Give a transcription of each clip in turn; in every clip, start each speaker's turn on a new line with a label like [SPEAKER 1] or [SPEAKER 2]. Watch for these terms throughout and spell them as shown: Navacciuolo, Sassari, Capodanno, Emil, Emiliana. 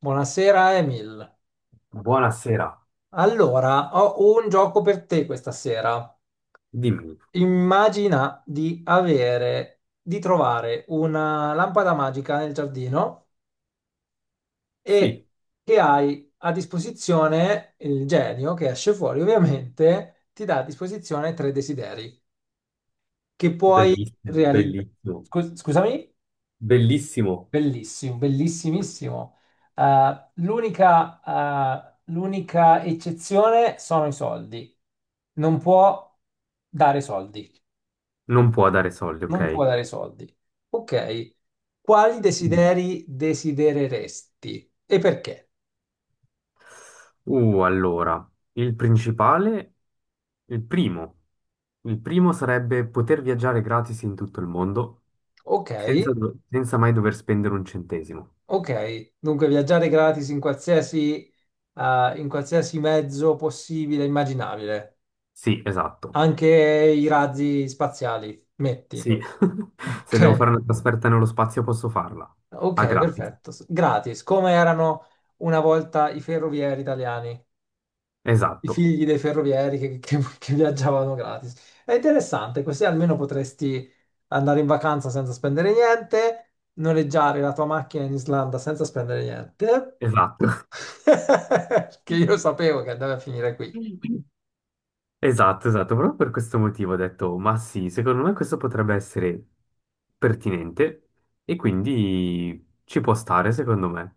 [SPEAKER 1] Buonasera Emil.
[SPEAKER 2] Buonasera,
[SPEAKER 1] Allora, ho un gioco per te questa sera.
[SPEAKER 2] dimmi.
[SPEAKER 1] Immagina di avere, di trovare una lampada magica nel giardino e
[SPEAKER 2] Sì,
[SPEAKER 1] che hai a disposizione il genio che esce fuori, ovviamente, ti dà a disposizione tre desideri che puoi
[SPEAKER 2] bellissimo,
[SPEAKER 1] realizzare.
[SPEAKER 2] bellissimo,
[SPEAKER 1] Scusami?
[SPEAKER 2] bellissimo.
[SPEAKER 1] Bellissimo, bellissimissimo. L'unica l'unica eccezione sono i soldi. Non può dare soldi.
[SPEAKER 2] Non può dare soldi,
[SPEAKER 1] Non può
[SPEAKER 2] ok?
[SPEAKER 1] dare soldi. Ok. Quali
[SPEAKER 2] Mm.
[SPEAKER 1] desideri desidereresti e perché?
[SPEAKER 2] Allora, il principale, il primo, il primo sarebbe poter viaggiare gratis in tutto il mondo
[SPEAKER 1] Ok,
[SPEAKER 2] senza, senza mai dover spendere un centesimo.
[SPEAKER 1] ok. Dunque viaggiare gratis in qualsiasi mezzo possibile, e immaginabile.
[SPEAKER 2] Sì, esatto.
[SPEAKER 1] Anche i razzi spaziali, metti.
[SPEAKER 2] Sì, se devo fare
[SPEAKER 1] Ok.
[SPEAKER 2] una trasferta nello spazio posso farla. A
[SPEAKER 1] Ok,
[SPEAKER 2] gratis.
[SPEAKER 1] perfetto. S- Gratis, come erano una volta i ferrovieri italiani, i
[SPEAKER 2] Esatto,
[SPEAKER 1] figli dei ferrovieri che- che viaggiavano gratis. È interessante, così almeno potresti andare in vacanza senza spendere niente, noleggiare la tua macchina in Islanda senza spendere niente,
[SPEAKER 2] esatto.
[SPEAKER 1] che io sapevo che andava a finire qui.
[SPEAKER 2] Esatto, esatto, proprio per questo motivo ho detto, ma sì, secondo me questo potrebbe essere pertinente e quindi ci può stare, secondo me.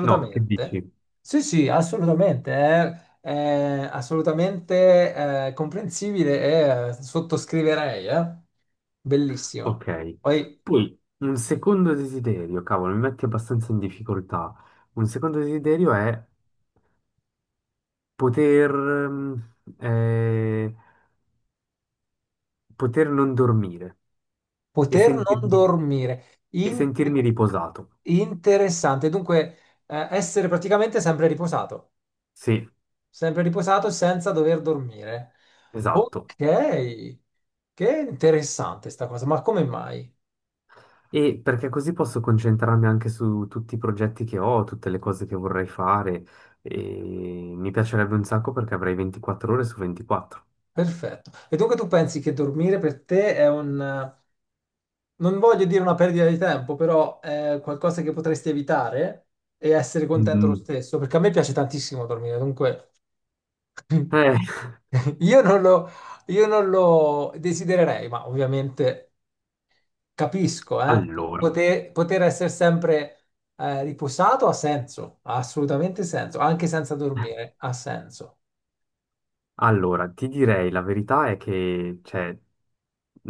[SPEAKER 2] No, che dici?
[SPEAKER 1] Sì, sì, assolutamente. È assolutamente comprensibile e sottoscriverei.
[SPEAKER 2] Ok.
[SPEAKER 1] Bellissimo. Poi
[SPEAKER 2] Poi un secondo desiderio, cavolo, mi metti abbastanza in difficoltà. Un secondo desiderio è poter, poter non dormire e
[SPEAKER 1] poter non
[SPEAKER 2] sentirmi,
[SPEAKER 1] dormire.
[SPEAKER 2] e
[SPEAKER 1] In-
[SPEAKER 2] sentirmi riposato.
[SPEAKER 1] Interessante. Dunque, essere praticamente
[SPEAKER 2] Sì,
[SPEAKER 1] sempre riposato senza dover dormire.
[SPEAKER 2] esatto.
[SPEAKER 1] Ok, che interessante sta cosa, ma come mai?
[SPEAKER 2] E perché così posso concentrarmi anche su tutti i progetti che ho, tutte le cose che vorrei fare. E mi piacerebbe un sacco perché avrei 24 ore su 24.
[SPEAKER 1] Perfetto. E dunque tu pensi che dormire per te è un, non voglio dire una perdita di tempo, però è qualcosa che potresti evitare e essere contento lo
[SPEAKER 2] Mm.
[SPEAKER 1] stesso, perché a me piace tantissimo dormire, dunque
[SPEAKER 2] Eh,
[SPEAKER 1] io non lo, io non lo desidererei, ma ovviamente capisco,
[SPEAKER 2] allora,
[SPEAKER 1] Poter essere sempre riposato ha senso, ha assolutamente senso, anche senza dormire, ha senso.
[SPEAKER 2] allora, ti direi la verità è che, cioè,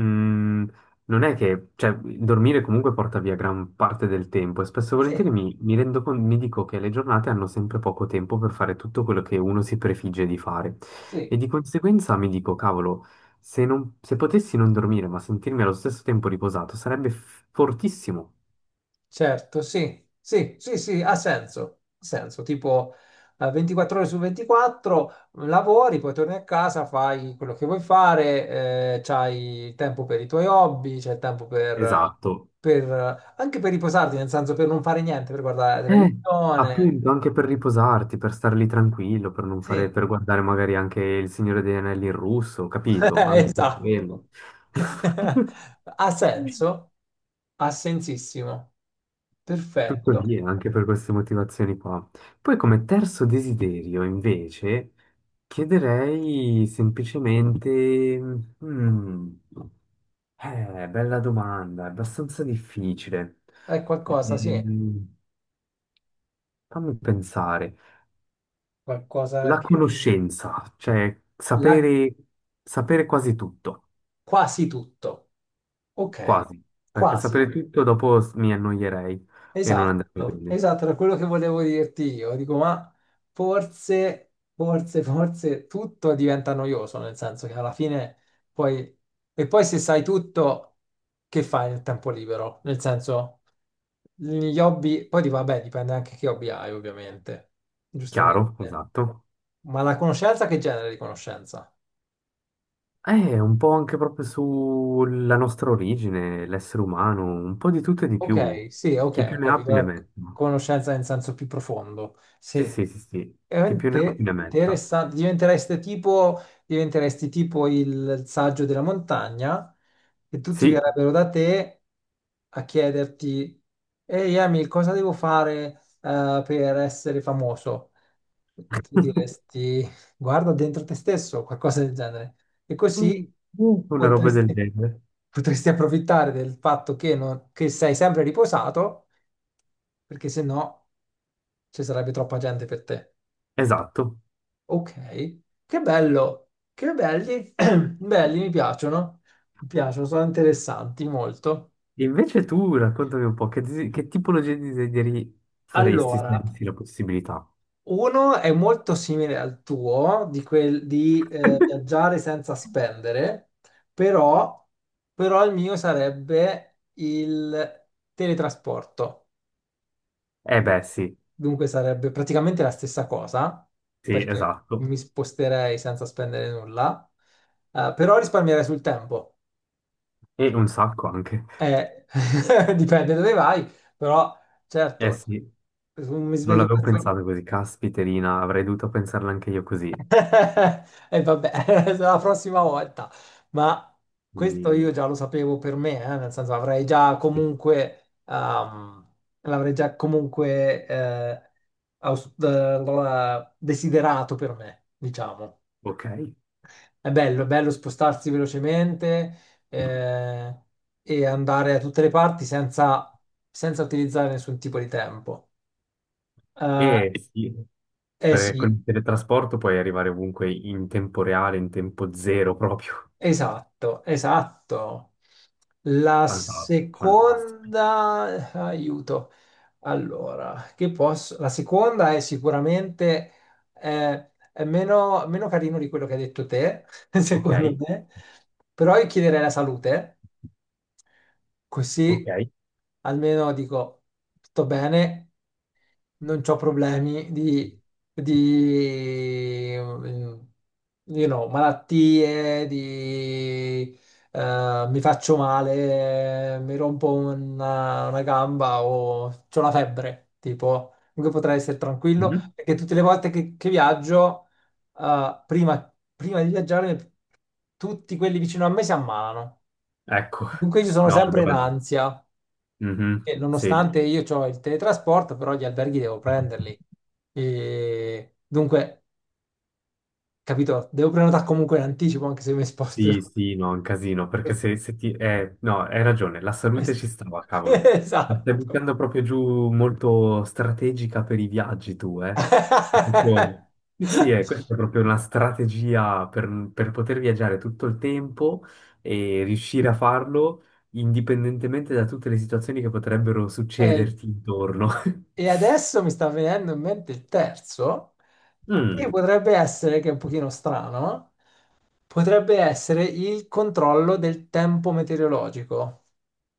[SPEAKER 2] mm, non è che, cioè, dormire comunque porta via gran parte del tempo e spesso e volentieri
[SPEAKER 1] Sì,
[SPEAKER 2] mi rendo conto, mi dico che le giornate hanno sempre poco tempo per fare tutto quello che uno si prefigge di fare
[SPEAKER 1] sì.
[SPEAKER 2] e di conseguenza mi dico, cavolo, se potessi non dormire ma sentirmi allo stesso tempo riposato sarebbe fortissimo.
[SPEAKER 1] Certo, sì, sì, sì, sì, ha senso, tipo 24 ore su 24 lavori, poi torni a casa, fai quello che vuoi fare, c'hai il tempo per i tuoi hobby, c'è il tempo
[SPEAKER 2] Esatto.
[SPEAKER 1] per, anche per riposarti, nel senso per non fare niente, per guardare la
[SPEAKER 2] Eh,
[SPEAKER 1] televisione.
[SPEAKER 2] appunto, anche per riposarti, per star lì tranquillo, per non
[SPEAKER 1] Sì,
[SPEAKER 2] fare, per guardare magari anche Il Signore degli Anelli in russo, capito? Anche per
[SPEAKER 1] esatto.
[SPEAKER 2] quello.
[SPEAKER 1] Ha senso? Ha sensissimo.
[SPEAKER 2] Tutto
[SPEAKER 1] Perfetto.
[SPEAKER 2] lì, anche per queste motivazioni qua. Poi come terzo desiderio, invece, chiederei semplicemente... mm, bella domanda, è abbastanza difficile.
[SPEAKER 1] È qualcosa, sì,
[SPEAKER 2] Ehm, fammi pensare.
[SPEAKER 1] qualcosa
[SPEAKER 2] La
[SPEAKER 1] che
[SPEAKER 2] conoscenza, cioè
[SPEAKER 1] la
[SPEAKER 2] sapere, sapere quasi tutto,
[SPEAKER 1] Quasi tutto. Ok,
[SPEAKER 2] quasi, perché sapere
[SPEAKER 1] quasi.
[SPEAKER 2] tutto dopo mi annoierei e non andrebbe
[SPEAKER 1] Esatto,
[SPEAKER 2] bene.
[SPEAKER 1] esatto, era quello che volevo dirti io. Dico, ma forse tutto diventa noioso, nel senso che alla fine poi... E poi se sai tutto, che fai nel tempo libero? Nel senso, gli hobby... Poi dico, vabbè, dipende anche che hobby hai, ovviamente. Giustamente.
[SPEAKER 2] Chiaro, esatto.
[SPEAKER 1] Ma la conoscenza, che genere di conoscenza?
[SPEAKER 2] Un po' anche proprio sulla nostra origine, l'essere umano, un po' di tutto e di più.
[SPEAKER 1] Ok, sì,
[SPEAKER 2] Chi
[SPEAKER 1] ok,
[SPEAKER 2] più
[SPEAKER 1] ho
[SPEAKER 2] ne ha
[SPEAKER 1] capito.
[SPEAKER 2] più ne
[SPEAKER 1] La
[SPEAKER 2] metta.
[SPEAKER 1] Conoscenza in senso più profondo.
[SPEAKER 2] Sì,
[SPEAKER 1] Sì,
[SPEAKER 2] sì, sì, sì. Chi più ne ha più
[SPEAKER 1] veramente
[SPEAKER 2] ne metta.
[SPEAKER 1] interessante. Diventereste tipo, diventeresti tipo il saggio della montagna e tutti
[SPEAKER 2] Sì.
[SPEAKER 1] verrebbero da te a chiederti, ehi Emil, cosa devo fare per essere famoso? E tu diresti, guarda dentro te stesso, qualcosa del genere. E così
[SPEAKER 2] Mm. Una roba del
[SPEAKER 1] potresti,
[SPEAKER 2] genere.
[SPEAKER 1] potresti approfittare del fatto che, che sei sempre riposato, perché se no ci sarebbe troppa gente per te.
[SPEAKER 2] Esatto.
[SPEAKER 1] Ok, che bello, che belli, belli, mi piacciono, sono interessanti molto.
[SPEAKER 2] Invece tu raccontami un po' che, che tipologia di desideri faresti se
[SPEAKER 1] Allora,
[SPEAKER 2] avessi la possibilità?
[SPEAKER 1] uno è molto simile al tuo, di, quel, di viaggiare senza spendere, però, però il mio sarebbe il teletrasporto.
[SPEAKER 2] Eh beh, sì,
[SPEAKER 1] Dunque sarebbe praticamente la stessa cosa,
[SPEAKER 2] sì,
[SPEAKER 1] perché
[SPEAKER 2] esatto.
[SPEAKER 1] mi sposterei senza spendere nulla, però risparmierei sul tempo.
[SPEAKER 2] E un sacco anche.
[SPEAKER 1] Eh, dipende dove vai, però
[SPEAKER 2] Eh
[SPEAKER 1] certo,
[SPEAKER 2] sì,
[SPEAKER 1] mi
[SPEAKER 2] non
[SPEAKER 1] sveglio
[SPEAKER 2] l'avevo
[SPEAKER 1] presto.
[SPEAKER 2] pensato così. Caspiterina, avrei dovuto pensarla anche io così.
[SPEAKER 1] E vabbè, la prossima volta. Ma questo
[SPEAKER 2] Mm,
[SPEAKER 1] io già lo sapevo per me, nel senso avrei già comunque, l'avrei già comunque desiderato per me, diciamo.
[SPEAKER 2] ok.
[SPEAKER 1] È bello spostarsi velocemente eh, e andare a tutte le parti senza, senza utilizzare nessun tipo di tempo. Eh
[SPEAKER 2] E sì,
[SPEAKER 1] eh
[SPEAKER 2] perché con
[SPEAKER 1] sì,
[SPEAKER 2] il teletrasporto puoi arrivare ovunque in tempo reale, in tempo zero proprio.
[SPEAKER 1] esatto, esatto. La
[SPEAKER 2] Fantastico, fantastico.
[SPEAKER 1] seconda, aiuto. Allora, che posso? La seconda è sicuramente è meno carino di quello che hai detto te,
[SPEAKER 2] Ok,
[SPEAKER 1] secondo me, però io chiederei la salute.
[SPEAKER 2] ok.
[SPEAKER 1] Così almeno dico tutto bene, non ho problemi di, you know, malattie, di, mi faccio male, mi rompo una gamba o ho la febbre, tipo, comunque potrei essere tranquillo,
[SPEAKER 2] Mhm.
[SPEAKER 1] perché tutte le volte che viaggio, prima di viaggiare, tutti quelli vicino a me si ammalano.
[SPEAKER 2] Ecco,
[SPEAKER 1] Dunque io sono
[SPEAKER 2] no,
[SPEAKER 1] sempre in
[SPEAKER 2] allora no.
[SPEAKER 1] ansia,
[SPEAKER 2] Mhm,
[SPEAKER 1] e
[SPEAKER 2] sì.
[SPEAKER 1] nonostante io ho il teletrasporto, però gli alberghi devo prenderli. E dunque, capito, devo prenotare comunque in anticipo, anche se mi sposto.
[SPEAKER 2] Sì, sì, no, è un casino, perché se, no, hai ragione, la salute ci stava, cavolo. Mi stai
[SPEAKER 1] Esatto.
[SPEAKER 2] buttando proprio giù molto strategica per i viaggi tu, eh? Proprio- sì, sì, questa è proprio una strategia per poter viaggiare tutto il tempo e riuscire a farlo indipendentemente da tutte le situazioni che potrebbero
[SPEAKER 1] E,
[SPEAKER 2] succederti intorno.
[SPEAKER 1] e adesso mi sta venendo in mente il terzo, che
[SPEAKER 2] Mm.
[SPEAKER 1] potrebbe essere, che è un pochino strano, potrebbe essere il controllo del tempo meteorologico.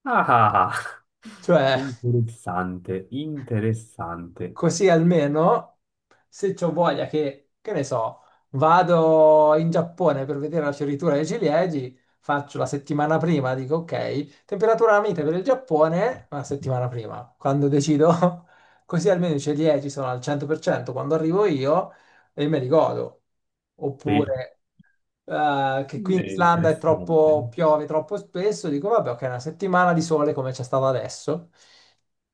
[SPEAKER 2] Ah, ah, ah.
[SPEAKER 1] Cioè,
[SPEAKER 2] Interessante, interessante.
[SPEAKER 1] così almeno, se ho voglia che ne so, vado in Giappone per vedere la fioritura dei ciliegi, faccio la settimana prima, dico ok, temperatura mite per il Giappone, una settimana prima, quando decido, così almeno i ciliegi sono al 100% quando arrivo io e me li godo.
[SPEAKER 2] Sì.
[SPEAKER 1] Oppure che qui
[SPEAKER 2] È
[SPEAKER 1] in Islanda è
[SPEAKER 2] interessante,
[SPEAKER 1] troppo, piove troppo spesso, dico vabbè, ok, una settimana di sole come c'è stata adesso,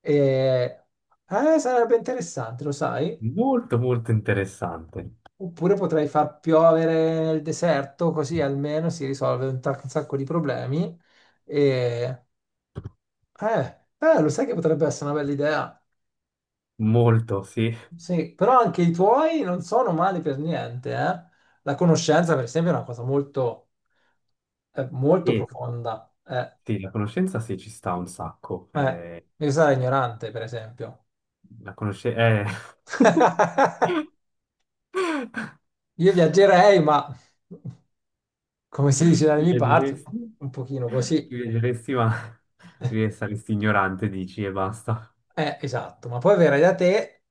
[SPEAKER 1] e, sarebbe interessante, lo sai?
[SPEAKER 2] molto molto interessante,
[SPEAKER 1] Oppure potrei far piovere nel deserto, così almeno si risolve un, un sacco di problemi. E, lo sai che potrebbe essere una bella idea?
[SPEAKER 2] molto sì,
[SPEAKER 1] Sì, però anche i tuoi non sono mali per niente, eh? La conoscenza, per esempio, è una cosa molto, molto
[SPEAKER 2] e
[SPEAKER 1] profonda.
[SPEAKER 2] sì, la conoscenza sì ci sta un sacco.
[SPEAKER 1] Eh, devi stare ignorante, per esempio.
[SPEAKER 2] La conoscenza,
[SPEAKER 1] Io viaggerei, ma come si dice dalle
[SPEAKER 2] tu
[SPEAKER 1] mie parti,
[SPEAKER 2] viaggeresti,
[SPEAKER 1] un pochino così.
[SPEAKER 2] tu viaggeresti ma saresti ignorante, dici e basta.
[SPEAKER 1] Esatto, ma poi verrai da te,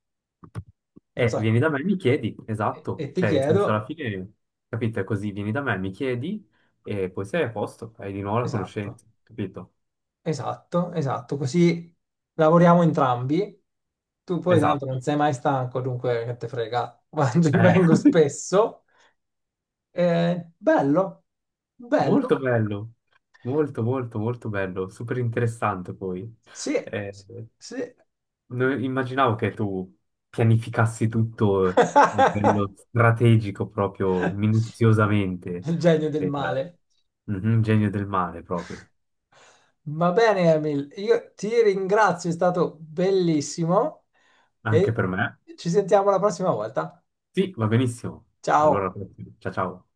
[SPEAKER 1] un sacco,
[SPEAKER 2] Vieni da me e mi chiedi, esatto,
[SPEAKER 1] e ti
[SPEAKER 2] cioè in senso alla
[SPEAKER 1] chiedo,
[SPEAKER 2] fine, capito, è così, vieni da me, mi chiedi e poi sei a posto, hai di nuovo la
[SPEAKER 1] esatto,
[SPEAKER 2] conoscenza, capito?
[SPEAKER 1] esatto, così lavoriamo entrambi. Tu poi tanto non
[SPEAKER 2] Esatto.
[SPEAKER 1] sei mai stanco, dunque che te frega,
[SPEAKER 2] Eh.
[SPEAKER 1] vengo spesso. Bello, bello,
[SPEAKER 2] Molto bello, molto molto molto bello, super interessante poi.
[SPEAKER 1] sì,
[SPEAKER 2] Eh,
[SPEAKER 1] sì.
[SPEAKER 2] non immaginavo che tu pianificassi tutto a livello strategico proprio minuziosamente
[SPEAKER 1] Il genio del
[SPEAKER 2] per
[SPEAKER 1] male.
[SPEAKER 2] un genio del mare proprio,
[SPEAKER 1] Va bene, Emil, io ti ringrazio, è stato bellissimo
[SPEAKER 2] anche
[SPEAKER 1] e
[SPEAKER 2] per me.
[SPEAKER 1] ci sentiamo la prossima volta.
[SPEAKER 2] Sì, va benissimo.
[SPEAKER 1] Ciao.
[SPEAKER 2] Allora, ciao ciao.